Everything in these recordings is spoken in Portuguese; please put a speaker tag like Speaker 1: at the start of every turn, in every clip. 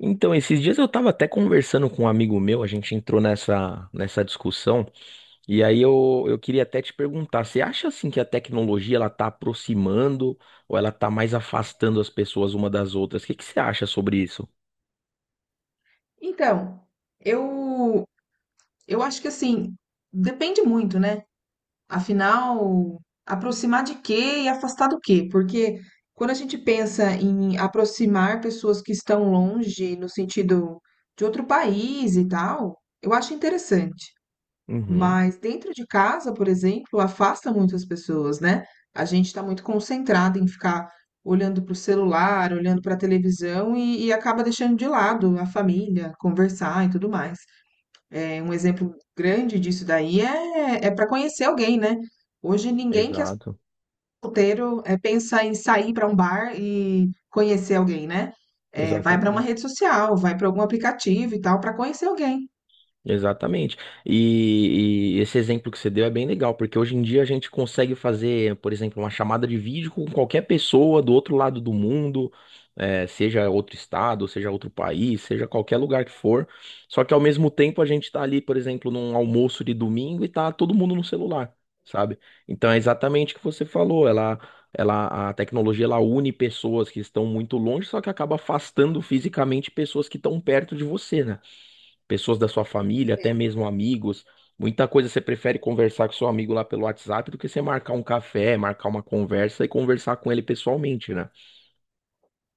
Speaker 1: Então, esses dias eu estava até conversando com um amigo meu, a gente entrou nessa discussão, e aí eu queria até te perguntar, você acha assim que a tecnologia ela tá aproximando ou ela tá mais afastando as pessoas uma das outras? O que que você acha sobre isso?
Speaker 2: Então, eu eu acho que assim, depende muito, né? Afinal, aproximar de quê e afastar do quê? Porque quando a gente pensa em aproximar pessoas que estão longe, no sentido de outro país e tal, eu acho interessante.
Speaker 1: Uhum,
Speaker 2: Mas dentro de casa, por exemplo, afasta muitas pessoas, né? A gente está muito concentrado em ficar olhando para o celular, olhando para a televisão e acaba deixando de lado a família, conversar e tudo mais. É, um exemplo grande disso daí é para conhecer alguém, né? Hoje ninguém que é
Speaker 1: exato,
Speaker 2: solteiro pensa em sair para um bar e conhecer alguém, né? É, vai para uma
Speaker 1: exatamente.
Speaker 2: rede social, vai para algum aplicativo e tal, para conhecer alguém.
Speaker 1: Exatamente. E esse exemplo que você deu é bem legal, porque hoje em dia a gente consegue fazer, por exemplo, uma chamada de vídeo com qualquer pessoa do outro lado do mundo, seja outro estado, seja outro país, seja qualquer lugar que for. Só que ao mesmo tempo a gente está ali, por exemplo, num almoço de domingo e tá todo mundo no celular, sabe? Então é exatamente o que você falou. Ela, a tecnologia ela une pessoas que estão muito longe, só que acaba afastando fisicamente pessoas que estão perto de você, né? Pessoas da sua família, até mesmo amigos. Muita coisa você prefere conversar com seu amigo lá pelo WhatsApp do que você marcar um café, marcar uma conversa e conversar com ele pessoalmente, né?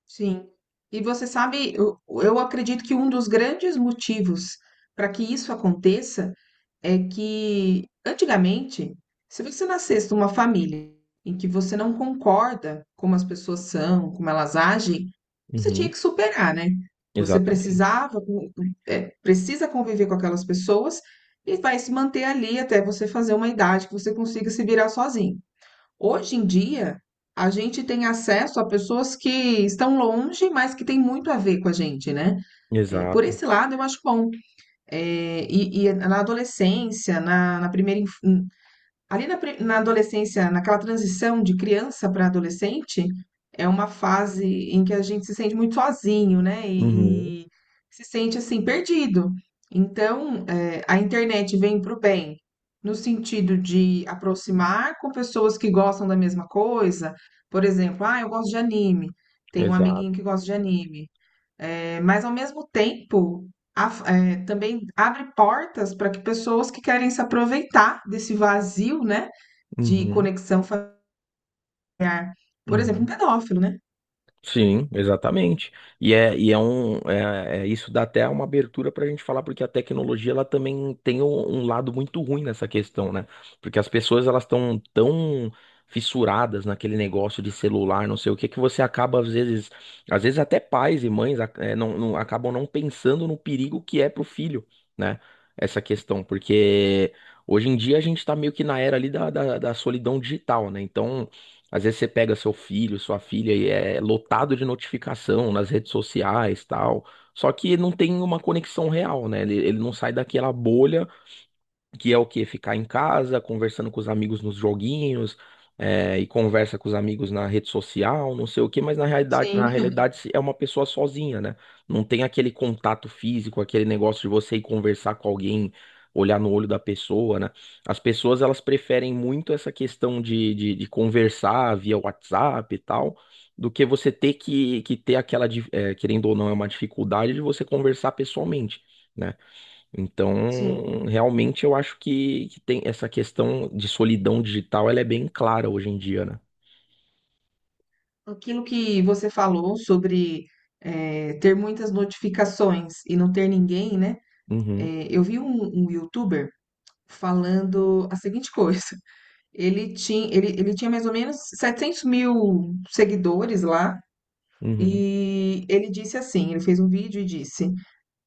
Speaker 2: Sim. E você sabe, eu acredito que um dos grandes motivos para que isso aconteça é que antigamente, se você nascesse numa família em que você não concorda como as pessoas são, como elas agem, você tinha
Speaker 1: Uhum,
Speaker 2: que superar, né? Você
Speaker 1: exatamente.
Speaker 2: precisava, precisa conviver com aquelas pessoas e vai se manter ali até você fazer uma idade que você consiga se virar sozinho. Hoje em dia, a gente tem acesso a pessoas que estão longe, mas que têm muito a ver com a gente, né? É, por
Speaker 1: Exato.
Speaker 2: esse lado, eu acho bom. E na adolescência, na primeira, ali na, na adolescência, naquela transição de criança para adolescente, é uma fase em que a gente se sente muito sozinho, né?
Speaker 1: Uhum,
Speaker 2: E se sente assim, perdido. Então, a internet vem para o bem, no sentido de aproximar com pessoas que gostam da mesma coisa. Por exemplo, ah, eu gosto de anime. Tem um
Speaker 1: exato.
Speaker 2: amiguinho que gosta de anime. É, mas ao mesmo tempo também abre portas para que pessoas que querem se aproveitar desse vazio, né, de
Speaker 1: Uhum,
Speaker 2: conexão familiar, por exemplo, um
Speaker 1: uhum.
Speaker 2: pedófilo, né?
Speaker 1: Sim, exatamente. E é um isso dá até uma abertura para a gente falar, porque a tecnologia ela também tem um lado muito ruim nessa questão, né? Porque as pessoas elas estão tão fissuradas naquele negócio de celular, não sei o que, que você acaba às vezes até pais e mães acabam não pensando no perigo que é pro filho, né? Essa questão, porque hoje em dia a gente tá meio que na era ali da solidão digital, né? Então às vezes você pega seu filho, sua filha e é lotado de notificação nas redes sociais, tal. Só que não tem uma conexão real, né? Ele não sai daquela bolha que é o quê? Ficar em casa, conversando com os amigos nos joguinhos, e conversa com os amigos na rede social, não sei o quê, mas na
Speaker 2: Sim,
Speaker 1: realidade é uma pessoa sozinha, né? Não tem aquele contato físico, aquele negócio de você ir conversar com alguém, olhar no olho da pessoa, né? As pessoas, elas preferem muito essa questão de conversar via WhatsApp e tal. Do que você ter que ter aquela, querendo ou não, é uma dificuldade de você conversar pessoalmente né?
Speaker 2: Sim.
Speaker 1: Então, realmente eu acho que tem essa questão de solidão digital, ela é bem clara hoje em dia, né?
Speaker 2: Aquilo que você falou sobre é, ter muitas notificações e não ter ninguém, né?
Speaker 1: Uhum,
Speaker 2: É, eu vi um YouTuber falando a seguinte coisa. Ele tinha mais ou menos 700.000 seguidores lá.
Speaker 1: uhum,
Speaker 2: E ele disse assim: ele fez um vídeo e disse: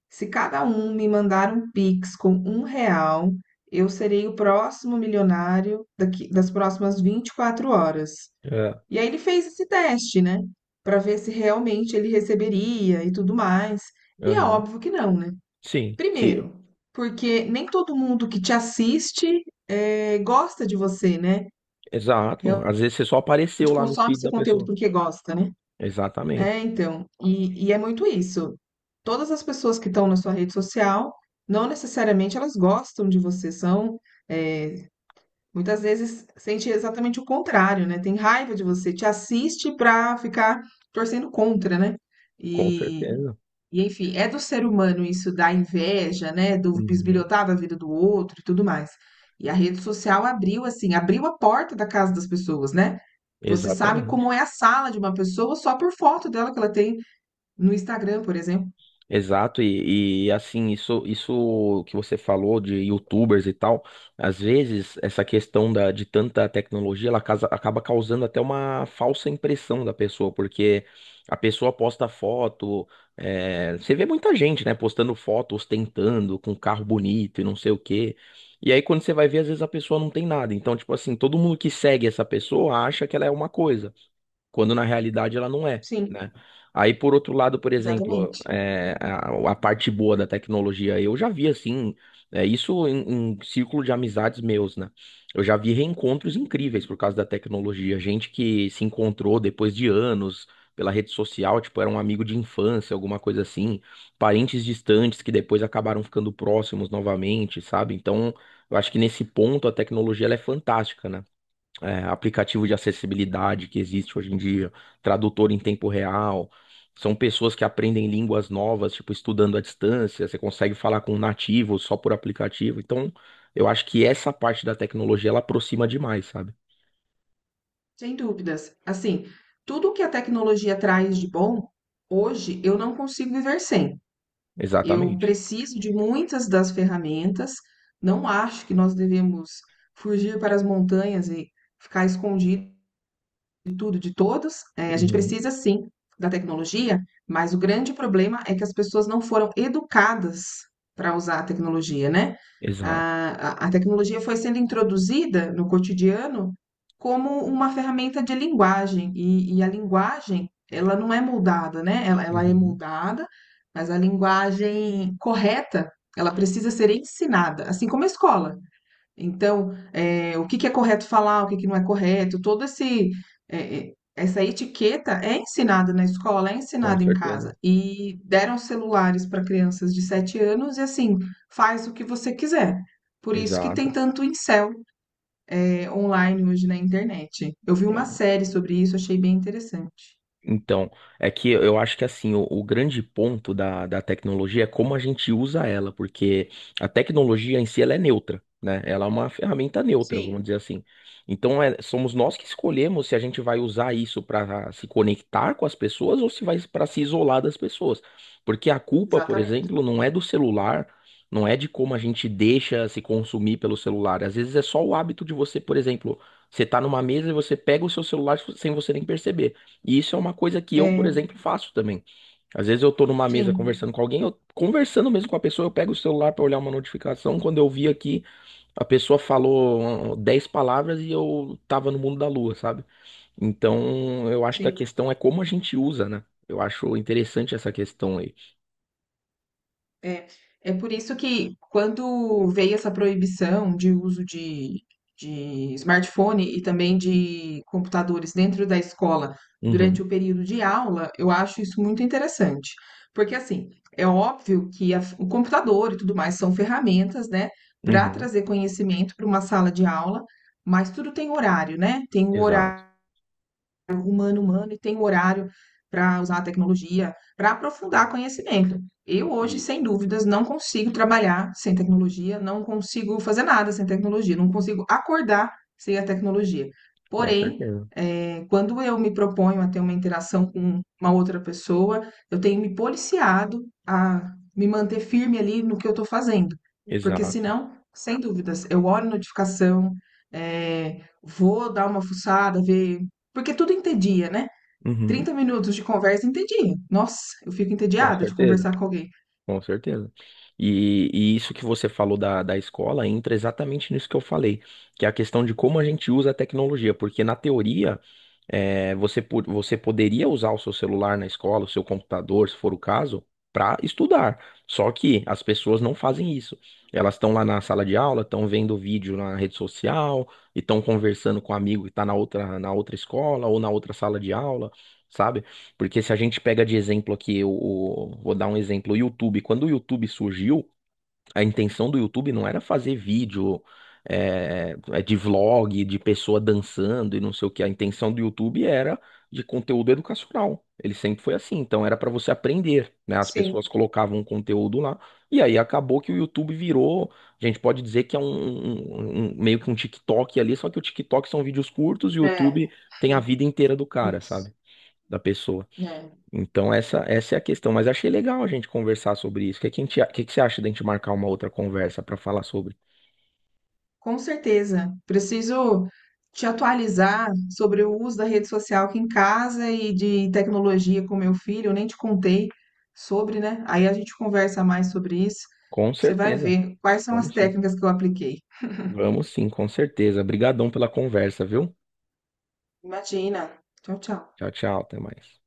Speaker 2: se cada um me mandar um Pix com R$ 1, eu serei o próximo milionário daqui, das próximas 24 horas.
Speaker 1: é.
Speaker 2: E aí ele fez esse teste, né? Para ver se realmente ele receberia e tudo mais. E é
Speaker 1: Uhum.
Speaker 2: óbvio que não, né?
Speaker 1: Sim, sim,
Speaker 2: Primeiro, porque nem todo mundo que te assiste gosta de você, né?
Speaker 1: exato.
Speaker 2: Realmente
Speaker 1: Às vezes você só apareceu lá no
Speaker 2: consome
Speaker 1: feed da
Speaker 2: seu conteúdo
Speaker 1: pessoa.
Speaker 2: porque gosta, né? É,
Speaker 1: Exatamente,
Speaker 2: então, e é muito isso. Todas as pessoas que estão na sua rede social, não necessariamente elas gostam de você, são, eh, muitas vezes sente exatamente o contrário, né? Tem raiva de você, te assiste pra ficar torcendo contra, né?
Speaker 1: com
Speaker 2: E,
Speaker 1: certeza.
Speaker 2: e enfim, é do ser humano isso da inveja, né? Do
Speaker 1: Uhum,
Speaker 2: bisbilhotar da vida do outro e tudo mais. E a rede social abriu assim, abriu a porta da casa das pessoas, né? Você sabe como
Speaker 1: exatamente.
Speaker 2: é a sala de uma pessoa só por foto dela que ela tem no Instagram, por exemplo.
Speaker 1: Exato, assim, isso que você falou de YouTubers e tal, às vezes essa questão de tanta tecnologia, ela acaba causando até uma falsa impressão da pessoa, porque a pessoa posta foto, você vê muita gente, né, postando foto, ostentando, com carro bonito e não sei o quê, e aí quando você vai ver, às vezes a pessoa não tem nada, então, tipo assim, todo mundo que segue essa pessoa acha que ela é uma coisa quando na realidade ela não é,
Speaker 2: Sim,
Speaker 1: né? Aí, por outro lado, por exemplo,
Speaker 2: exatamente.
Speaker 1: a parte boa da tecnologia, eu já vi assim, isso em, em círculo de amizades meus, né? Eu já vi reencontros incríveis por causa da tecnologia, gente que se encontrou depois de anos pela rede social, tipo, era um amigo de infância, alguma coisa assim, parentes distantes que depois acabaram ficando próximos novamente, sabe? Então, eu acho que nesse ponto a tecnologia ela é fantástica, né? Aplicativo de acessibilidade que existe hoje em dia, tradutor em tempo real. São pessoas que aprendem línguas novas, tipo, estudando à distância. Você consegue falar com um nativo só por aplicativo. Então, eu acho que essa parte da tecnologia ela aproxima demais, sabe?
Speaker 2: Sem dúvidas. Assim, tudo que a tecnologia traz de bom, hoje eu não consigo viver sem. Eu
Speaker 1: Exatamente.
Speaker 2: preciso de muitas das ferramentas. Não acho que nós devemos fugir para as montanhas e ficar escondido de tudo, de todos. A gente
Speaker 1: Uhum.
Speaker 2: precisa sim da tecnologia, mas o grande problema é que as pessoas não foram educadas para usar a tecnologia, né?
Speaker 1: Exato.
Speaker 2: A tecnologia foi sendo introduzida no cotidiano como uma ferramenta de linguagem, e a linguagem, ela não é moldada, né? Ela é
Speaker 1: Uhum.
Speaker 2: moldada, mas a linguagem correta, ela precisa ser ensinada, assim como a escola. Então, o que que é correto falar, o que que não é correto, todo esse eh eh, essa etiqueta é ensinada na escola, é
Speaker 1: Com
Speaker 2: ensinada em
Speaker 1: certeza.
Speaker 2: casa. E deram celulares para crianças de 7 anos e, assim, faz o que você quiser. Por isso que
Speaker 1: Exato.
Speaker 2: tem tanto incel, online hoje na internet. Eu vi uma série sobre isso, achei bem interessante.
Speaker 1: Então, é que eu acho que assim, o grande ponto da tecnologia é como a gente usa ela, porque a tecnologia em si ela é neutra, né? Ela é uma ferramenta neutra, vamos dizer assim. Então, é- somos nós que escolhemos se a gente vai usar isso para se conectar com as pessoas ou se vai para se isolar das pessoas. Porque a culpa, por
Speaker 2: Exatamente.
Speaker 1: exemplo, não é do celular, não é de como a gente deixa se consumir pelo celular. Às vezes é só o hábito de você, por exemplo, você tá numa mesa e você pega o seu celular sem você nem perceber. E isso é uma coisa que eu, por
Speaker 2: É,
Speaker 1: exemplo, faço também. Às vezes eu tô numa mesa
Speaker 2: sim,
Speaker 1: conversando com alguém, eu conversando mesmo com a pessoa, eu pego o celular pra olhar uma notificação. Quando eu vi aqui, a pessoa falou 10 palavras e eu tava no mundo da lua, sabe? Então, eu acho que a
Speaker 2: sim.
Speaker 1: questão é como a gente usa, né? Eu acho interessante essa questão aí.
Speaker 2: É, é por isso que quando veio essa proibição de uso de smartphone e também de computadores dentro da escola durante
Speaker 1: Uhum,
Speaker 2: o período de aula, eu acho isso muito interessante. Porque, assim, é óbvio que o computador e tudo mais são ferramentas, né, para
Speaker 1: uhum,
Speaker 2: trazer conhecimento para uma sala de aula, mas tudo tem horário, né? Tem um
Speaker 1: exato.
Speaker 2: horário diálogo humano-humano e tem um horário para usar a tecnologia, para aprofundar conhecimento. Eu hoje,
Speaker 1: Isso,
Speaker 2: sem dúvidas, não consigo trabalhar sem tecnologia, não consigo fazer nada sem tecnologia, não consigo acordar sem a tecnologia.
Speaker 1: com
Speaker 2: Porém,
Speaker 1: certeza.
Speaker 2: quando eu me proponho a ter uma interação com uma outra pessoa, eu tenho me policiado a me manter firme ali no que eu estou fazendo. Porque
Speaker 1: Exato.
Speaker 2: senão, sem dúvidas, eu olho notificação, vou dar uma fuçada, ver. Porque tudo entedia, né?
Speaker 1: Uhum,
Speaker 2: 30 minutos de conversa entedia. Nossa, eu fico
Speaker 1: com
Speaker 2: entediada de
Speaker 1: certeza.
Speaker 2: conversar com alguém.
Speaker 1: Com certeza. E isso que você falou da escola entra exatamente nisso que eu falei, que é a questão de como a gente usa a tecnologia, porque na teoria você, você poderia usar o seu celular na escola, o seu computador, se for o caso, para estudar. Só que as pessoas não fazem isso. Elas estão lá na sala de aula, estão vendo vídeo na rede social e estão conversando com um amigo que está na outra escola ou na outra sala de aula. Sabe? Porque se a gente pega de exemplo aqui, vou dar um exemplo, o YouTube. Quando o YouTube surgiu, a intenção do YouTube não era fazer vídeo de vlog, de pessoa dançando e não sei o que. A intenção do YouTube era de conteúdo educacional. Ele sempre foi assim. Então era para você aprender, né? As
Speaker 2: Sim,
Speaker 1: pessoas colocavam um conteúdo lá e aí acabou que o YouTube virou. A gente pode dizer que é um meio que um TikTok ali, só que o TikTok são vídeos curtos e o
Speaker 2: é,
Speaker 1: YouTube tem a vida inteira do cara, sabe?
Speaker 2: isso,
Speaker 1: Da pessoa.
Speaker 2: né?
Speaker 1: Então essa é a questão. Mas achei legal a gente conversar sobre isso. O que, que, a gente a- que você acha da gente marcar uma outra conversa para falar sobre?
Speaker 2: Com certeza. Preciso te atualizar sobre o uso da rede social aqui em casa e de tecnologia com meu filho. Eu nem te contei sobre, né? Aí a gente conversa mais sobre isso.
Speaker 1: Com
Speaker 2: Você vai
Speaker 1: certeza.
Speaker 2: ver quais são as
Speaker 1: Vamos sim.
Speaker 2: técnicas que eu apliquei.
Speaker 1: Vamos sim, com certeza. Obrigadão pela conversa, viu?
Speaker 2: Imagina. Tchau, tchau.
Speaker 1: Tchau, tchau. Até mais.